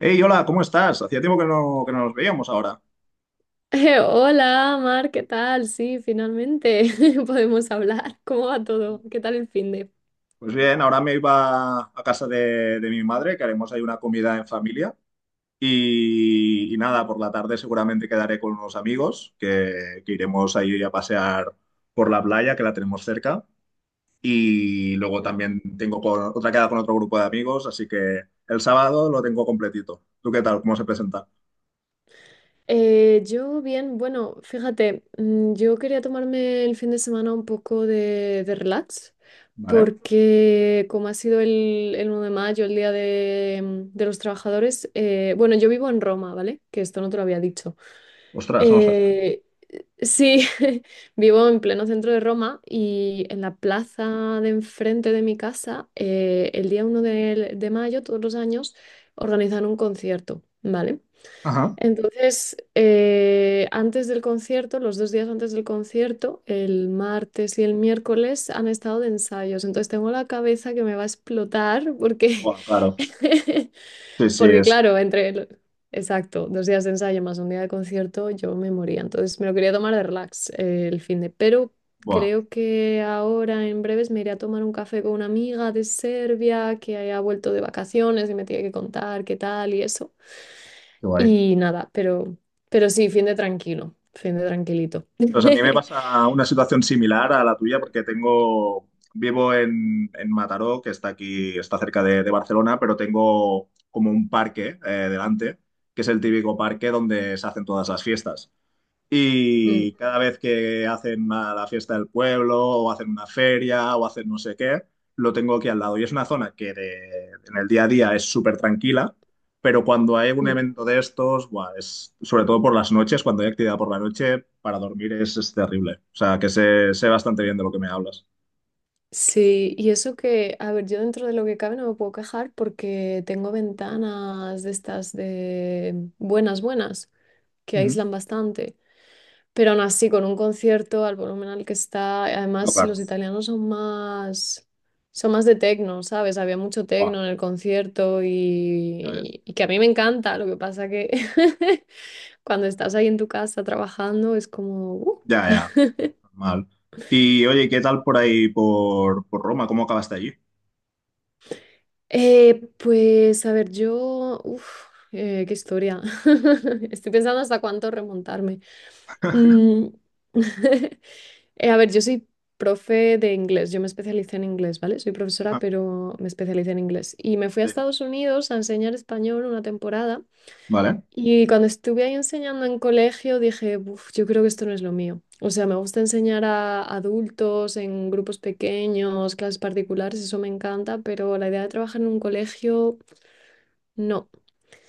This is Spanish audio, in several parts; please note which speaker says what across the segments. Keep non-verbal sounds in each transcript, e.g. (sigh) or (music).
Speaker 1: Hey, hola, ¿cómo estás? Hacía tiempo que no nos veíamos ahora.
Speaker 2: (laughs) Hola, Mar, ¿qué tal? Sí, finalmente (laughs) podemos hablar. ¿Cómo va todo? ¿Qué tal el fin de?
Speaker 1: Pues bien, ahora me iba a casa de mi madre, que haremos ahí una comida en familia. Y nada, por la tarde seguramente quedaré con unos amigos que iremos ahí a pasear por la playa, que la tenemos cerca. Y luego
Speaker 2: Ujú.
Speaker 1: también tengo otra queda con otro grupo de amigos, así que el sábado lo tengo completito. ¿Tú qué tal? ¿Cómo se presenta?
Speaker 2: Yo bien, bueno, fíjate, yo quería tomarme el fin de semana un poco de relax
Speaker 1: ¿Vale?
Speaker 2: porque como ha sido el 1 de mayo, el Día de, de los Trabajadores, bueno, yo vivo en Roma, ¿vale? Que esto no te lo había dicho.
Speaker 1: Ostras, no lo sabía.
Speaker 2: Eh, sí, (laughs) vivo en pleno centro de Roma y en la plaza de enfrente de mi casa, el día uno de mayo, todos los años, organizan un concierto, ¿vale?
Speaker 1: Ajá.
Speaker 2: Entonces, antes del concierto, los dos días antes del concierto, el martes y el miércoles han estado de ensayos. Entonces tengo la cabeza que me va a explotar porque,
Speaker 1: Buah, claro.
Speaker 2: (laughs)
Speaker 1: Sí, sí,
Speaker 2: porque
Speaker 1: es.
Speaker 2: claro, exacto, dos días de ensayo más un día de concierto, yo me moría. Entonces me lo quería tomar de relax el fin de, pero
Speaker 1: Buah,
Speaker 2: creo que ahora en breves me iré a tomar un café con una amiga de Serbia que ha vuelto de vacaciones y me tiene que contar qué tal y eso.
Speaker 1: qué guay.
Speaker 2: Y nada, pero sí, fin de tranquilo, fin de tranquilito. (laughs)
Speaker 1: Pues a mí me pasa una situación similar a la tuya porque tengo, vivo en Mataró, que está aquí, está cerca de Barcelona, pero tengo como un parque delante, que es el típico parque donde se hacen todas las fiestas.
Speaker 2: Mm,
Speaker 1: Y cada vez que la fiesta del pueblo, o hacen una feria, o hacen no sé qué, lo tengo aquí al lado. Y es una zona en el día a día es súper tranquila, pero cuando hay un
Speaker 2: mm.
Speaker 1: evento de estos, buah, es, sobre todo por las noches, cuando hay actividad por la noche, para dormir es terrible. O sea, que sé, sé bastante bien de lo que me hablas.
Speaker 2: Sí, y eso que, a ver, yo dentro de lo que cabe no me puedo quejar porque tengo ventanas de estas de buenas, buenas, que
Speaker 1: Ujú.
Speaker 2: aíslan bastante, pero aún así con un concierto al volumen al que está,
Speaker 1: No,
Speaker 2: además
Speaker 1: claro.
Speaker 2: los italianos son más de tecno, ¿sabes? Había mucho
Speaker 1: Buah,
Speaker 2: tecno en el concierto
Speaker 1: ya ves.
Speaker 2: y que a mí me encanta, lo que pasa que (laughs) cuando estás ahí en tu casa trabajando, es como,
Speaker 1: Ya, ya, normal. Y oye, ¿qué tal por ahí, por Roma? ¿Cómo acabaste allí?
Speaker 2: Pues a ver, qué historia. (laughs) Estoy pensando hasta cuánto remontarme. Mm, (laughs) a ver, yo soy profe de inglés, yo me especialicé en inglés, ¿vale? Soy profesora,
Speaker 1: Ajá,
Speaker 2: pero me especialicé en inglés. Y me fui a
Speaker 1: sí.
Speaker 2: Estados Unidos a enseñar español una temporada.
Speaker 1: Vale.
Speaker 2: Y cuando estuve ahí enseñando en colegio, dije, "Buf, yo creo que esto no es lo mío. O sea, me gusta enseñar a adultos en grupos pequeños, clases particulares, eso me encanta, pero la idea de trabajar en un colegio, no.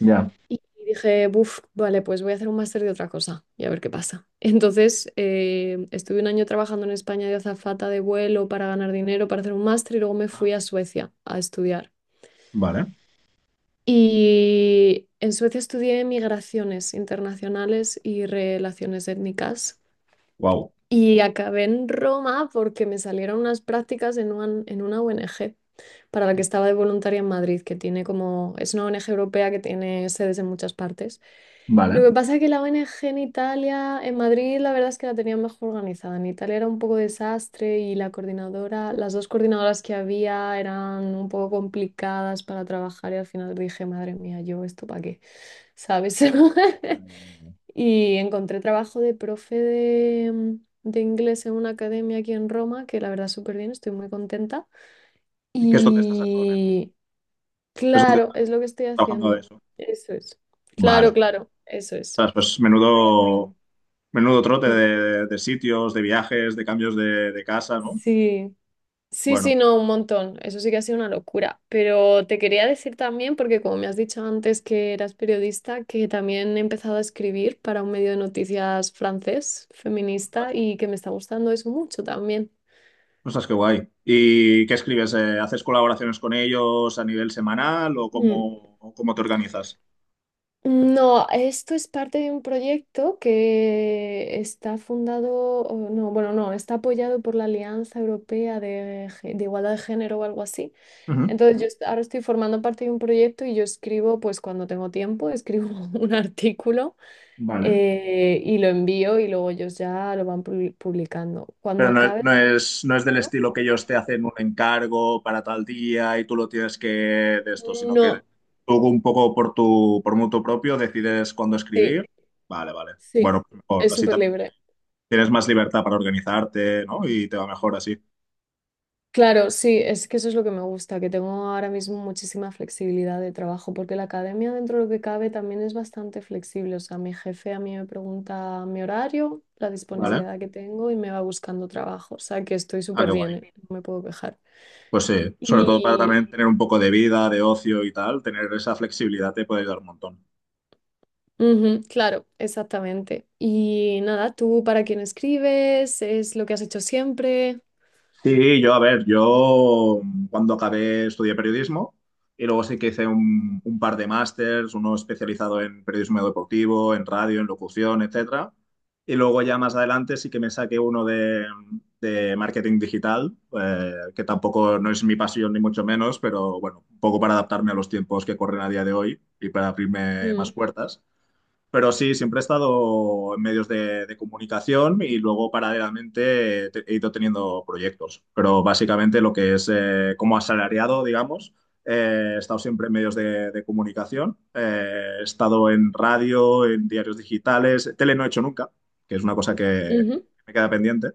Speaker 1: Ya.
Speaker 2: Y dije, buf, vale, pues voy a hacer un máster de otra cosa y a ver qué pasa. (laughs) Entonces, estuve un año trabajando en España de azafata de vuelo para ganar dinero, para hacer un máster y luego me
Speaker 1: Ajá.
Speaker 2: fui a Suecia a estudiar.
Speaker 1: Vale.
Speaker 2: Y en Suecia estudié migraciones internacionales y relaciones étnicas.
Speaker 1: Wow.
Speaker 2: Y acabé en Roma porque me salieron unas prácticas en una ONG para la que estaba de voluntaria en Madrid, que tiene como, es una ONG europea que tiene sedes en muchas partes. Lo
Speaker 1: Vale.
Speaker 2: que pasa es que la ONG en Italia, en Madrid, la verdad es que la tenían mejor organizada. En Italia era un poco desastre y la coordinadora, las dos coordinadoras que había eran un poco complicadas para trabajar y al final dije, madre mía, yo esto para qué, ¿sabes? (laughs) Y encontré trabajo de profe de inglés en una academia aquí en Roma, que la verdad súper bien, estoy muy contenta.
Speaker 1: ¿Qué es donde estás actualmente?
Speaker 2: Y,
Speaker 1: ¿Qué es donde
Speaker 2: claro,
Speaker 1: estás
Speaker 2: es lo que estoy
Speaker 1: trabajando de
Speaker 2: haciendo.
Speaker 1: eso?
Speaker 2: Eso es. Claro,
Speaker 1: Vale.
Speaker 2: claro, eso es.
Speaker 1: Ostras, pues
Speaker 2: Estoy haciendo.
Speaker 1: menudo, menudo trote
Speaker 2: Mm.
Speaker 1: de sitios, de viajes, de cambios de casa, ¿no?
Speaker 2: Sí, sí,
Speaker 1: Bueno,
Speaker 2: no, un montón. Eso sí que ha sido una locura. Pero te quería decir también, porque como me has dicho antes que eras periodista, que también he empezado a escribir para un medio de noticias francés, feminista,
Speaker 1: ostras,
Speaker 2: y que me está gustando eso mucho también.
Speaker 1: ostras, qué guay. ¿Y qué escribes? ¿Haces colaboraciones con ellos a nivel semanal
Speaker 2: Mm.
Speaker 1: o cómo te organizas?
Speaker 2: No, esto es parte de un proyecto que está fundado, o no, bueno, no, está apoyado por la Alianza Europea de, Gé- de Igualdad de Género o algo así.
Speaker 1: Ujú.
Speaker 2: Entonces, ahora estoy formando parte de un proyecto y yo escribo, pues cuando tengo tiempo, escribo (laughs) un artículo
Speaker 1: Vale.
Speaker 2: y lo envío y luego ellos ya lo van publicando. Cuando
Speaker 1: Pero no,
Speaker 2: acabe,
Speaker 1: no es del
Speaker 2: ¿no?
Speaker 1: estilo que ellos te hacen un encargo para tal día y tú lo tienes que de esto, sino que
Speaker 2: No,
Speaker 1: tú un poco por tu, por mutuo propio decides cuándo escribir.
Speaker 2: sí,
Speaker 1: Vale, vale.
Speaker 2: sí,
Speaker 1: Bueno, pues mejor.
Speaker 2: es
Speaker 1: Así
Speaker 2: súper
Speaker 1: también
Speaker 2: libre.
Speaker 1: tienes más libertad para organizarte, ¿no? Y te va mejor así.
Speaker 2: Claro, sí, es que eso es lo que me gusta, que tengo ahora mismo muchísima flexibilidad de trabajo, porque la academia dentro de lo que cabe también es bastante flexible. O sea, mi jefe a mí me pregunta mi horario, la
Speaker 1: Vale.
Speaker 2: disponibilidad que tengo y me va buscando trabajo. O sea, que estoy
Speaker 1: Ah,
Speaker 2: súper
Speaker 1: qué
Speaker 2: bien,
Speaker 1: guay.
Speaker 2: ¿eh? No me puedo quejar.
Speaker 1: Pues sí, sobre todo para
Speaker 2: Y,
Speaker 1: también tener un poco de vida, de ocio y tal, tener esa flexibilidad te puede ayudar un montón.
Speaker 2: ujú, claro, exactamente. Y nada, ¿tú para quién escribes? ¿Es lo que has hecho siempre?
Speaker 1: Sí, yo, a ver, cuando acabé estudié periodismo y luego sí que hice un par de másters, uno especializado en periodismo deportivo, en radio, en locución, etcétera. Y luego ya más adelante sí que me saqué de marketing digital, que tampoco no es mi pasión ni mucho menos, pero bueno, un poco para adaptarme a los tiempos que corren a día de hoy y para abrirme
Speaker 2: Mm,
Speaker 1: más puertas. Pero sí, siempre he estado en medios de comunicación y luego paralelamente he ido teniendo proyectos. Pero básicamente lo que es como asalariado, digamos, he estado siempre en medios de comunicación. He estado en radio, en diarios digitales. Tele no he hecho nunca, que es una cosa que
Speaker 2: ujú,
Speaker 1: me queda pendiente.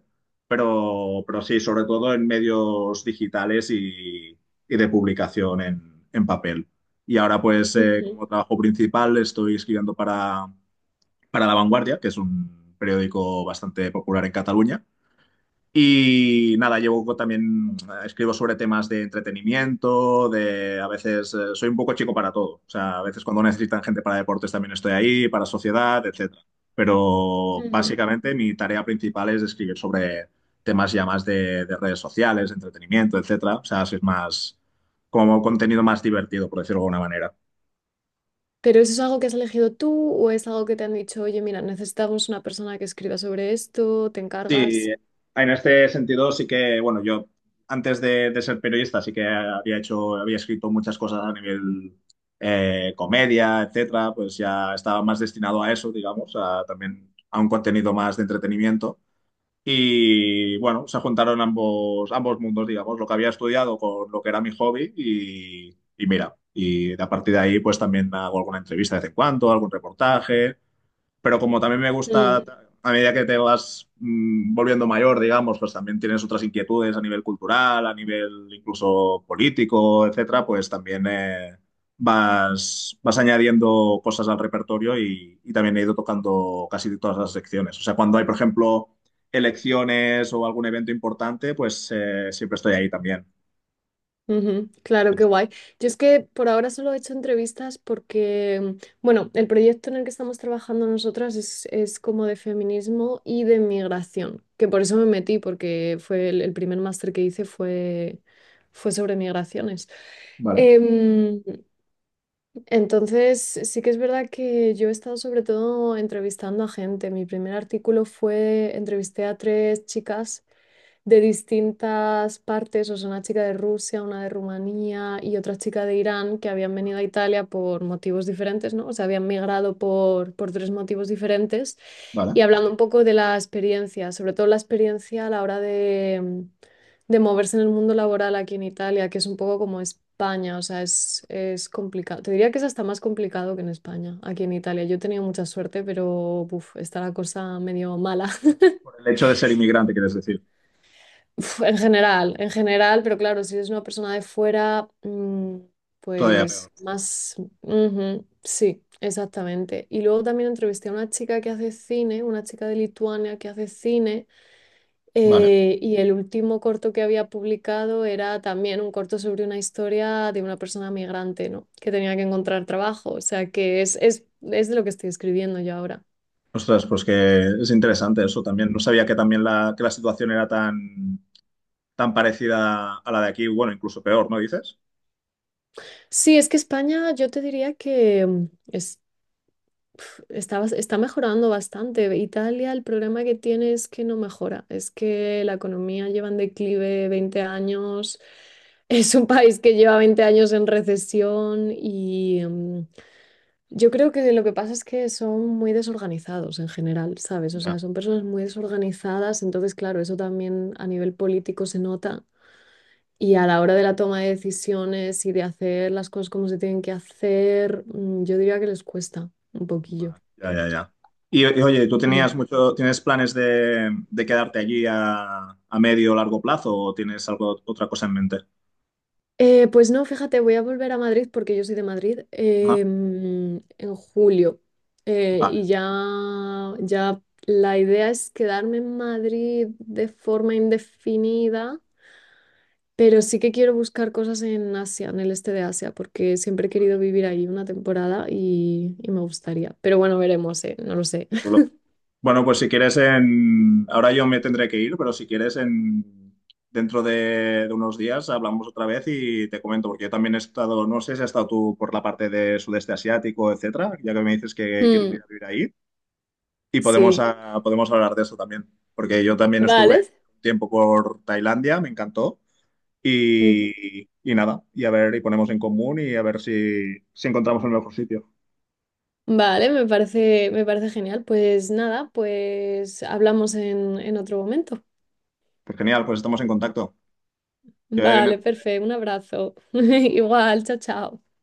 Speaker 1: Pero sí, sobre todo en medios digitales y de publicación en papel. Y ahora pues
Speaker 2: ujú,
Speaker 1: como trabajo principal estoy escribiendo para La Vanguardia, que es un periódico bastante popular en Cataluña. Y nada, llevo también, escribo sobre temas de entretenimiento, de a veces soy un poco chico para todo. O sea, a veces cuando necesitan gente para deportes también estoy ahí, para sociedad, etcétera. Pero
Speaker 2: ujú.
Speaker 1: básicamente mi tarea principal es escribir sobre temas ya más de redes sociales, de entretenimiento, etcétera. O sea, si es más como contenido más divertido, por decirlo de alguna manera.
Speaker 2: ¿Pero eso es algo que has elegido tú o es algo que te han dicho, oye, mira, necesitamos una persona que escriba sobre esto, te encargas?
Speaker 1: Sí, en este sentido sí que, bueno, yo antes de ser periodista sí que había hecho, había escrito muchas cosas a nivel comedia, etcétera, pues ya estaba más destinado a eso, digamos, a también a un contenido más de entretenimiento. Y bueno, se juntaron ambos, ambos mundos, digamos, lo que había estudiado con lo que era mi hobby y mira, y a partir de ahí pues también hago alguna entrevista de vez en cuando, algún reportaje pero como también me gusta,
Speaker 2: Mm,
Speaker 1: a medida que te vas volviendo mayor, digamos, pues también tienes otras inquietudes a nivel cultural, a nivel incluso político, etcétera, pues también vas añadiendo cosas al repertorio y también he ido tocando casi todas las secciones. O sea, cuando hay, por ejemplo, elecciones o algún evento importante, pues siempre estoy ahí también.
Speaker 2: ujú, claro, qué guay. Yo es que por ahora solo he hecho entrevistas porque, bueno, el proyecto en el que estamos trabajando nosotras es como de feminismo y de migración, que por eso me metí, porque fue el primer máster que hice fue, fue sobre migraciones.
Speaker 1: Vale,
Speaker 2: Em, Entonces, sí que es verdad que yo he estado sobre todo entrevistando a gente. Mi primer artículo fue, entrevisté a tres chicas de distintas partes, o sea, una chica de Rusia, una de Rumanía y otra chica de Irán que habían venido a Italia por motivos diferentes, ¿no? O sea, habían migrado por tres motivos diferentes
Speaker 1: vale.
Speaker 2: y hablando un poco de la experiencia, sobre todo la experiencia a la hora de moverse en el mundo laboral aquí en Italia, que es un poco como España, o sea, es complicado. Te diría que es hasta más complicado que en España, aquí en Italia. Yo he tenido mucha suerte, pero uf, está la cosa medio mala. (laughs)
Speaker 1: Por el hecho de ser inmigrante, quieres decir.
Speaker 2: Uf, en general, pero claro, si eres una persona de fuera,
Speaker 1: Todavía peor.
Speaker 2: pues más... ujú, sí, exactamente. Y luego también entrevisté a una chica que hace cine, una chica de Lituania que hace cine,
Speaker 1: Vale.
Speaker 2: y el último corto que había publicado era también un corto sobre una historia de una persona migrante, ¿no? Que tenía que encontrar trabajo, o sea que es de lo que estoy escribiendo yo ahora.
Speaker 1: Ostras, pues que es interesante eso también. No sabía que también la, que la situación era tan, tan parecida a la de aquí, bueno, incluso peor, ¿no dices?
Speaker 2: Sí, es que España, yo te diría que... está, está mejorando bastante. Italia, el problema que tiene es que no mejora. Es que la economía lleva en declive 20 años. (laughs) Es un país que lleva 20 años en recesión y yo creo que lo que pasa es que son muy desorganizados en general, ¿sabes? O
Speaker 1: Ya.
Speaker 2: sea, son personas muy desorganizadas, entonces, claro, eso también a nivel político se nota. Y a la hora de la toma de decisiones y de hacer las cosas como se tienen que hacer, yo diría que les cuesta un poquillo.
Speaker 1: Va, ya, ya, ya. Y oye, ¿tú tenías
Speaker 2: Mm.
Speaker 1: mucho, tienes planes de quedarte allí a medio o largo plazo o tienes algo, otra cosa en mente?
Speaker 2: Pues no, fíjate, voy a volver a Madrid porque yo soy de Madrid
Speaker 1: Ajá.
Speaker 2: en julio.
Speaker 1: Vale.
Speaker 2: Y ya, ya la idea es quedarme en Madrid de forma indefinida, pero sí que quiero buscar cosas en Asia, en el este de Asia, porque siempre he
Speaker 1: Ostras,
Speaker 2: querido vivir ahí una temporada y me gustaría. Pero bueno, veremos, no lo sé.
Speaker 1: qué
Speaker 2: (laughs)
Speaker 1: chulo. Bueno, pues si quieres en... Ahora yo me tendré que ir, pero si quieres en... dentro de unos días hablamos otra vez y te comento, porque yo también he estado, no sé si has estado tú por la parte de sudeste asiático, etcétera, ya que me dices que quieres ir
Speaker 2: Mm,
Speaker 1: a vivir ahí, y podemos,
Speaker 2: sí.
Speaker 1: ah, podemos hablar de eso también, porque yo también estuve
Speaker 2: Vale.
Speaker 1: un tiempo por Tailandia, me encantó,
Speaker 2: Ujú.
Speaker 1: y nada, y a ver, y ponemos en común y a ver si encontramos el mejor sitio.
Speaker 2: Vale, me parece genial. Pues nada, pues hablamos en otro momento.
Speaker 1: Pues genial, pues estamos en contacto. Que vaya bien el-
Speaker 2: Vale, perfecto, un abrazo. (laughs) Igual, chao, chao.